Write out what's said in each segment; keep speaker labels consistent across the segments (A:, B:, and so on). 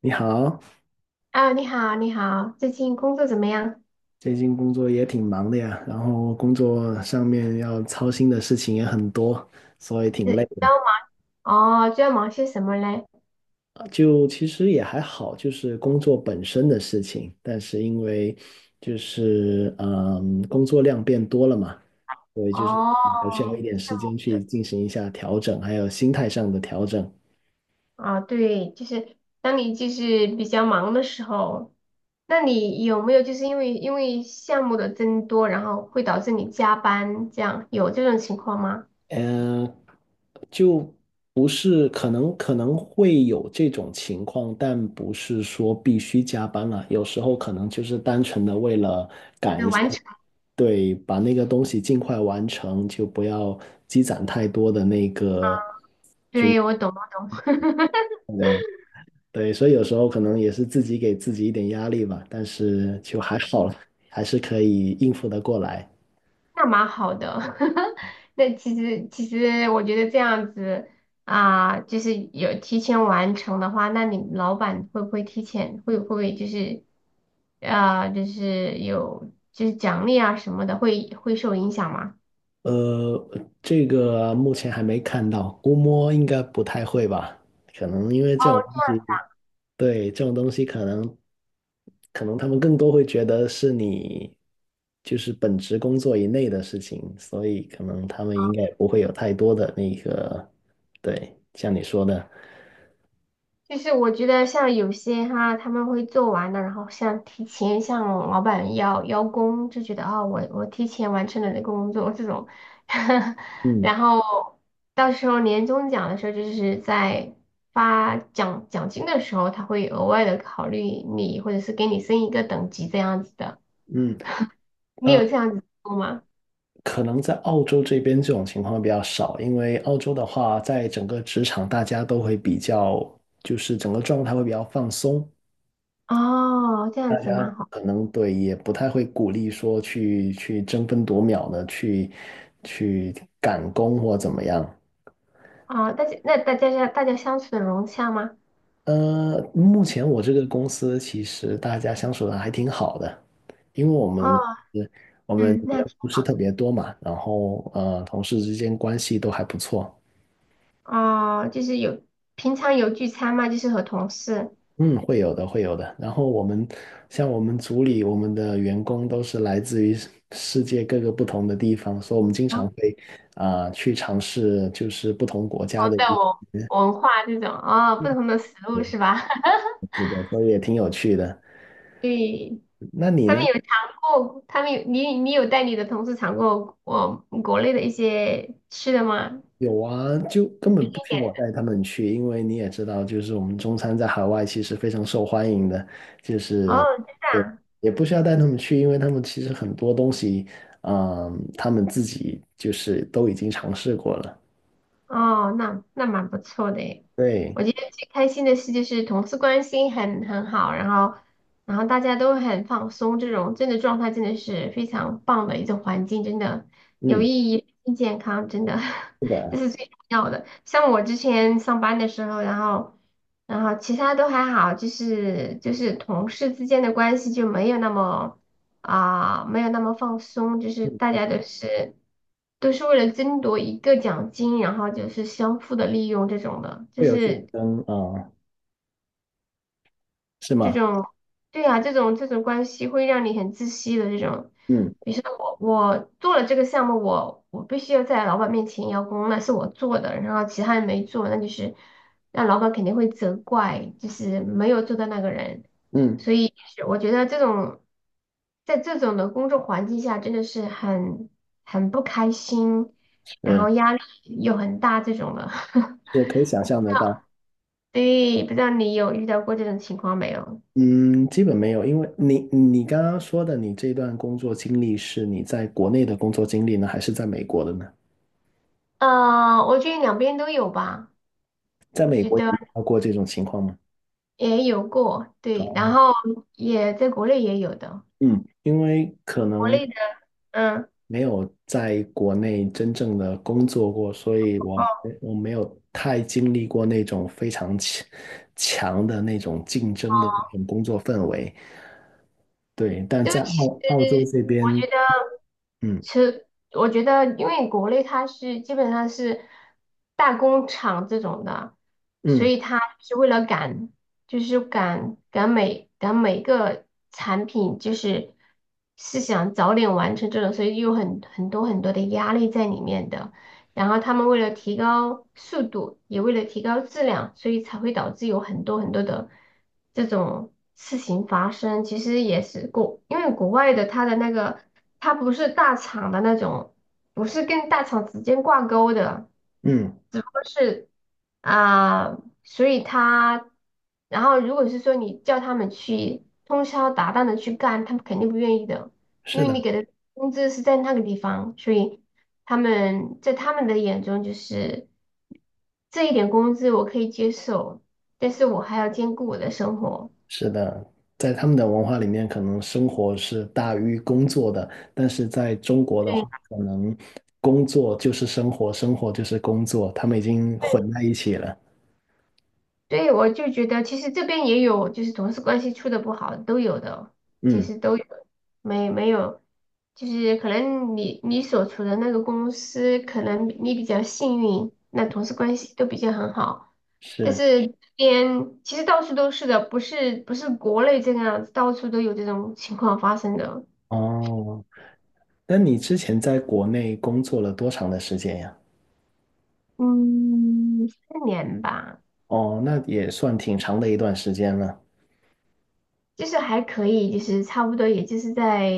A: 你好，
B: 啊，你好，你好，最近工作怎么样？
A: 最近工作也挺忙的呀，然后工作上面要操心的事情也很多，所以挺
B: 是
A: 累
B: 比较
A: 的。
B: 忙哦，最要忙些什么嘞？
A: 就其实也还好，就是工作本身的事情，但是因为就是工作量变多了嘛，所以就是
B: 哦，
A: 还需要一点时间去进行一下调整，还有心态上的调整。
B: 啊，对，就是当你就是比较忙的时候，那你有没有就是因为项目的增多，然后会导致你加班，这样有这种情况吗？
A: 嗯，就不是，可能会有这种情况，但不是说必须加班了。有时候可能就是单纯的为了
B: 就完成，
A: 对把那个东西尽快完成，就不要积攒太多的那个。
B: 对，我懂，我懂。
A: 嗯，对，所以有时候可能也是自己给自己一点压力吧，但是就还好了，还是可以应付得过来。
B: 那蛮好的，那其实我觉得这样子啊，就是有提前完成的话，那你老板会不会就是啊，就是有就是奖励啊什么的，会受影响吗？
A: 呃，这个目前还没看到，估摸应该不太会吧？可能因为这种
B: 哦。
A: 东西。对，这种东西可能，可能他们更多会觉得是你就是本职工作以内的事情，所以可能他们应该不会有太多的那个，对，像你说的。
B: 就是我觉得像有些哈，他们会做完的，然后像提前向老板邀功，就觉得啊、我提前完成了这个工作这种，
A: 嗯
B: 然后到时候年终奖的时候，就是在发奖金的时候，他会额外的考虑你，或者是给你升一个等级这样子的。
A: 嗯。
B: 你有
A: 呃，
B: 这样子做吗？
A: 可能在澳洲这边这种情况比较少，因为澳洲的话，在整个职场大家都会比较，就是整个状态会比较放松，
B: 哦，这样子蛮好
A: 可能对，也不太会鼓励说去争分夺秒的去去赶工或怎么样。
B: 啊、哦大家那大家相处的融洽吗？
A: 目前我这个公司其实大家相处的还挺好的，因为我们
B: 哦，
A: 我们
B: 嗯，那。
A: 人不是特别多嘛，然后同事之间关系都还不错。
B: 哦，就是有平常有聚餐吗？就是和同事。
A: 嗯，会有的，会有的。然后我们像我们组里，我们的员工都是来自于世界各个不同的地方，所以我们经常会去尝试就是不同国家
B: 同
A: 的
B: 的
A: 一
B: 文文化这种哦，不同的食物
A: 对，
B: 是吧？
A: 是的，所以也挺有趣的。
B: 对，
A: 那你
B: 他们
A: 呢？
B: 有尝过，他们有你有带你的同事尝过我国内的一些吃的吗？
A: 有啊，就根
B: 一
A: 本不需要
B: 点。
A: 我带他们去，因为你也知道，就是我们中餐在海外其实非常受欢迎的，就
B: 哦，
A: 是对，也不需要带他们去，因为他们其实很多东西，嗯、他们自己就是都已经尝试过了。
B: 哦，那那蛮不错的诶。
A: 对，
B: 我觉得最开心的事就是同事关系很好，然后然后大家都很放松，这种真的状态真的是非常棒的一种环境，真的有
A: 嗯，
B: 意义、健康，真的
A: 是
B: 这
A: 的。
B: 是最重要的。像我之前上班的时候，然后然后其他都还好，就是同事之间的关系就没有那么。啊，没有那么放松，就是大
A: 嗯，
B: 家都是都是为了争夺一个奖金，然后就是相互的利用这种的，就
A: 会有竞
B: 是
A: 争啊，是
B: 这
A: 吗？
B: 种，对啊，这种关系会让你很窒息的这种。
A: 嗯
B: 比如说我做了这个项目，我必须要在老板面前邀功，那是我做的，然后其他人没做，那就是那老板肯定会责怪，就是没有做的那个人。
A: 嗯，
B: 所以是我觉得这种在这种的工作环境下，真的是很不开心，然
A: 嗯，
B: 后压力又很大这种的。
A: 是可以想象得到。
B: 对，不知道你有遇到过这种情况没有？
A: 嗯，基本没有，因为你刚刚说的，你这段工作经历是你在国内的工作经历呢，还是在美国的呢？
B: 我觉得两边都有吧，
A: 在
B: 我
A: 美
B: 觉
A: 国也
B: 得
A: 遇到过这种情况吗？
B: 也有过，对，然后也在国内也有的，
A: 嗯，因为可
B: 国
A: 能
B: 内的，嗯，
A: 没有在国内真正的工作过，所以我
B: 哦，
A: 我没有太经历过那种非常强的那种竞争的那种工作氛围。对，但
B: 都
A: 在
B: 其实
A: 澳洲这
B: 我
A: 边。
B: 觉得，
A: 嗯
B: 其实我觉得，因为国内它是基本上是大工厂这种的，所
A: 嗯
B: 以它是为了赶，就是赶每个产品，就是是想早点完成这种，所以有很多的压力在里面的。然后他们为了提高速度，也为了提高质量，所以才会导致有很多的这种事情发生。其实也是国，因为国外的他的那个，他不是大厂的那种，不是跟大厂直接挂钩的，
A: 嗯，
B: 只不过是啊、所以他，然后如果是说你叫他们去通宵达旦的去干，他们肯定不愿意的，因
A: 是
B: 为
A: 的，
B: 你给的工资是在那个地方，所以。他们在他们的眼中就是这一点工资我可以接受，但是我还要兼顾我的生活。
A: 是的，在他们的文化里面，可能生活是大于工作的，但是在中国的
B: 对，
A: 话，可能工作就是生活，生活就是工作，他们已经混在一起了。
B: 对，我就觉得其实这边也有，就是同事关系处的不好，都有的，其
A: 嗯，
B: 实都有，没有，就是可能你所处的那个公司，可能你比较幸运，那同事关系都比较很好，但
A: 是
B: 是这边其实到处都是的，不是国内这个样子，到处都有这种情况发生的。
A: 哦。那你之前在国内工作了多长的时间呀？
B: 嗯，四年吧，
A: 哦，那也算挺长的一段时间了。
B: 就是还可以，就是差不多，也就是在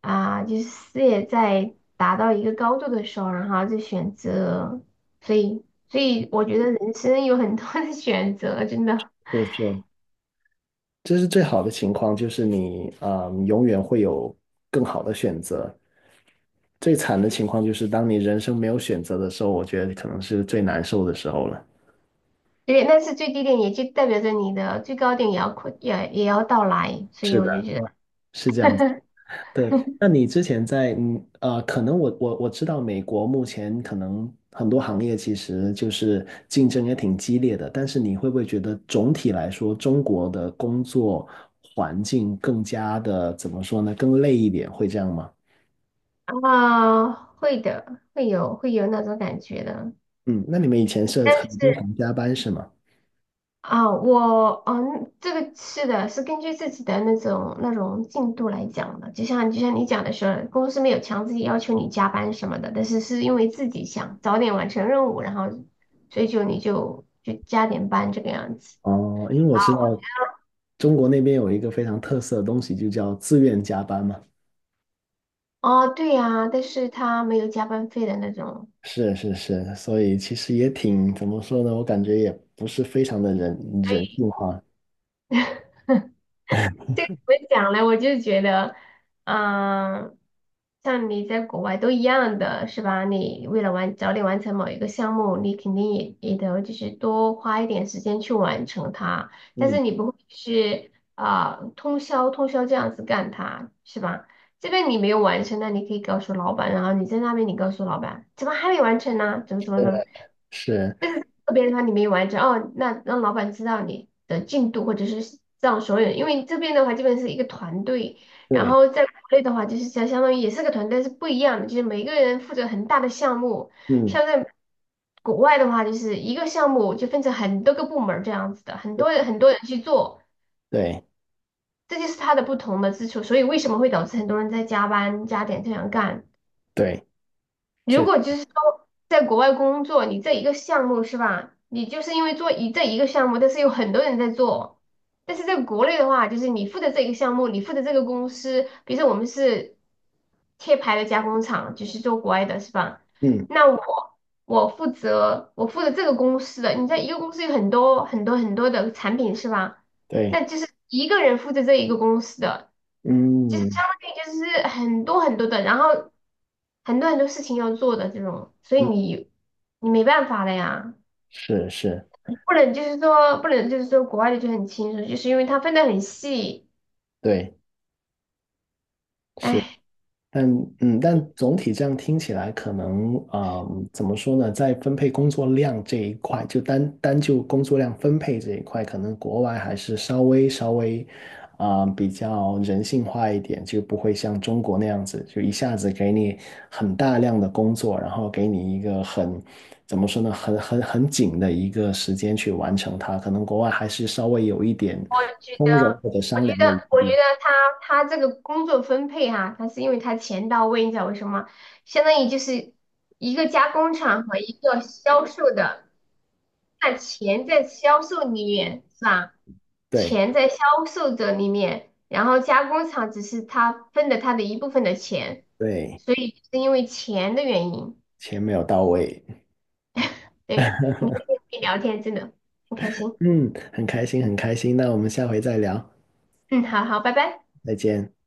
B: 啊、就是事业在达到一个高度的时候，然后就选择，所以，所以我觉得人生有很多的 选择，真的，
A: 是是，这是最好的情况，就是你永远会有更好的选择。最惨的情况就是当你人生没有选择的时候，我觉得可能是最难受的时候了。
B: 对，但是最低点也就代表着你的最高点也要快，也要到来，所以
A: 是的，
B: 我就觉得
A: 是这样子。对，那你之前在可能我知道美国目前可能很多行业其实就是竞争也挺激烈的，但是你会不会觉得总体来说中国的工作环境更加的怎么说呢？更累一点，会这样吗？
B: 啊、会的，会有那种感觉的。
A: 嗯，那你们以前是
B: 但
A: 很经
B: 是。
A: 常加班是吗？
B: 啊，我嗯，这个是的，是根据自己的那种进度来讲的。就像你讲的是，公司没有强制要求你加班什么的，但是是因为自己想早点完成任务，然后所以就你就加点班这个样子。
A: 哦，因为我知道中国那边有一个非常特色的东西，就叫自愿加班嘛。
B: 哦，对呀，但是他没有加班费的那种。
A: 是是是，所以其实也挺，怎么说呢？我感觉也不是非常的人性化。
B: 这怎么讲呢？我就觉得，嗯，像你在国外都一样的是吧？你为了完早点完成某一个项目，你肯定也得就是多花一点时间去完成它，但
A: 嗯，
B: 是你不会是啊、通宵这样子干它是吧？这边你没有完成，那你可以告诉老板，然后你在那边你告诉老板，怎么还没完成呢？怎么？
A: 是，
B: 但是个别的话你没完成哦，那让老板知道你的进度，或者是让所有人，因为这边的话基本是一个团队，然
A: 对，
B: 后在国内的话就是相当于也是个团队，但是不一样的，就是每个人负责很大的项目，
A: 嗯，
B: 像在国外的话就是一个项目就分成很多个部门儿这样子的，很多人去做，
A: 对
B: 这就是它的不同的之处，所以为什么会导致很多人在加班加点这样干。
A: 对，
B: 如
A: 确，
B: 果就是说在国外工作，你这一个项目是吧？你就是因为做这一个项目，但是有很多人在做。但是在国内的话，就是你负责这一个项目，你负责这个公司，比如说我们是贴牌的加工厂，就是做国外的是吧？
A: 嗯，
B: 那我我负责这个公司的，你在一个公司有很多的产品是吧？
A: 对，
B: 那就是一个人负责这一个公司的。就是相
A: 嗯
B: 当于就是很多的，然后很多事情要做的这种，所以
A: 嗯，
B: 你你没办法的呀，
A: 是是，
B: 不能就是说不能就是说国外的就很轻松，就是因为它分得很细，
A: 对。是。
B: 哎，
A: 但嗯，但总体这样听起来，可能啊，怎么说呢，在分配工作量这一块，就单单就工作量分配这一块，可能国外还是稍微比较人性化一点，就不会像中国那样子，就一下子给你很大量的工作，然后给你一个很怎么说呢，很紧的一个时间去完成它。可能国外还是稍微有一点
B: 我觉
A: 丰容
B: 得。
A: 或者
B: 我觉
A: 商量
B: 得，
A: 的余
B: 我觉
A: 地，
B: 得他这个工作分配哈、他是因为他钱到位，你知道为什么？相当于就是一个加工厂和一个销售的。那钱在销售里面是吧？
A: 对
B: 钱在销售者里面，然后加工厂只是他分的他的一部分的钱，
A: 对，
B: 所以是因为钱的原因。
A: 钱没有到位。
B: 对，你开心跟你聊天，真的很开心。
A: 嗯，很开心，很开心。那我们下回再聊，
B: 嗯，好好，拜拜。
A: 再见。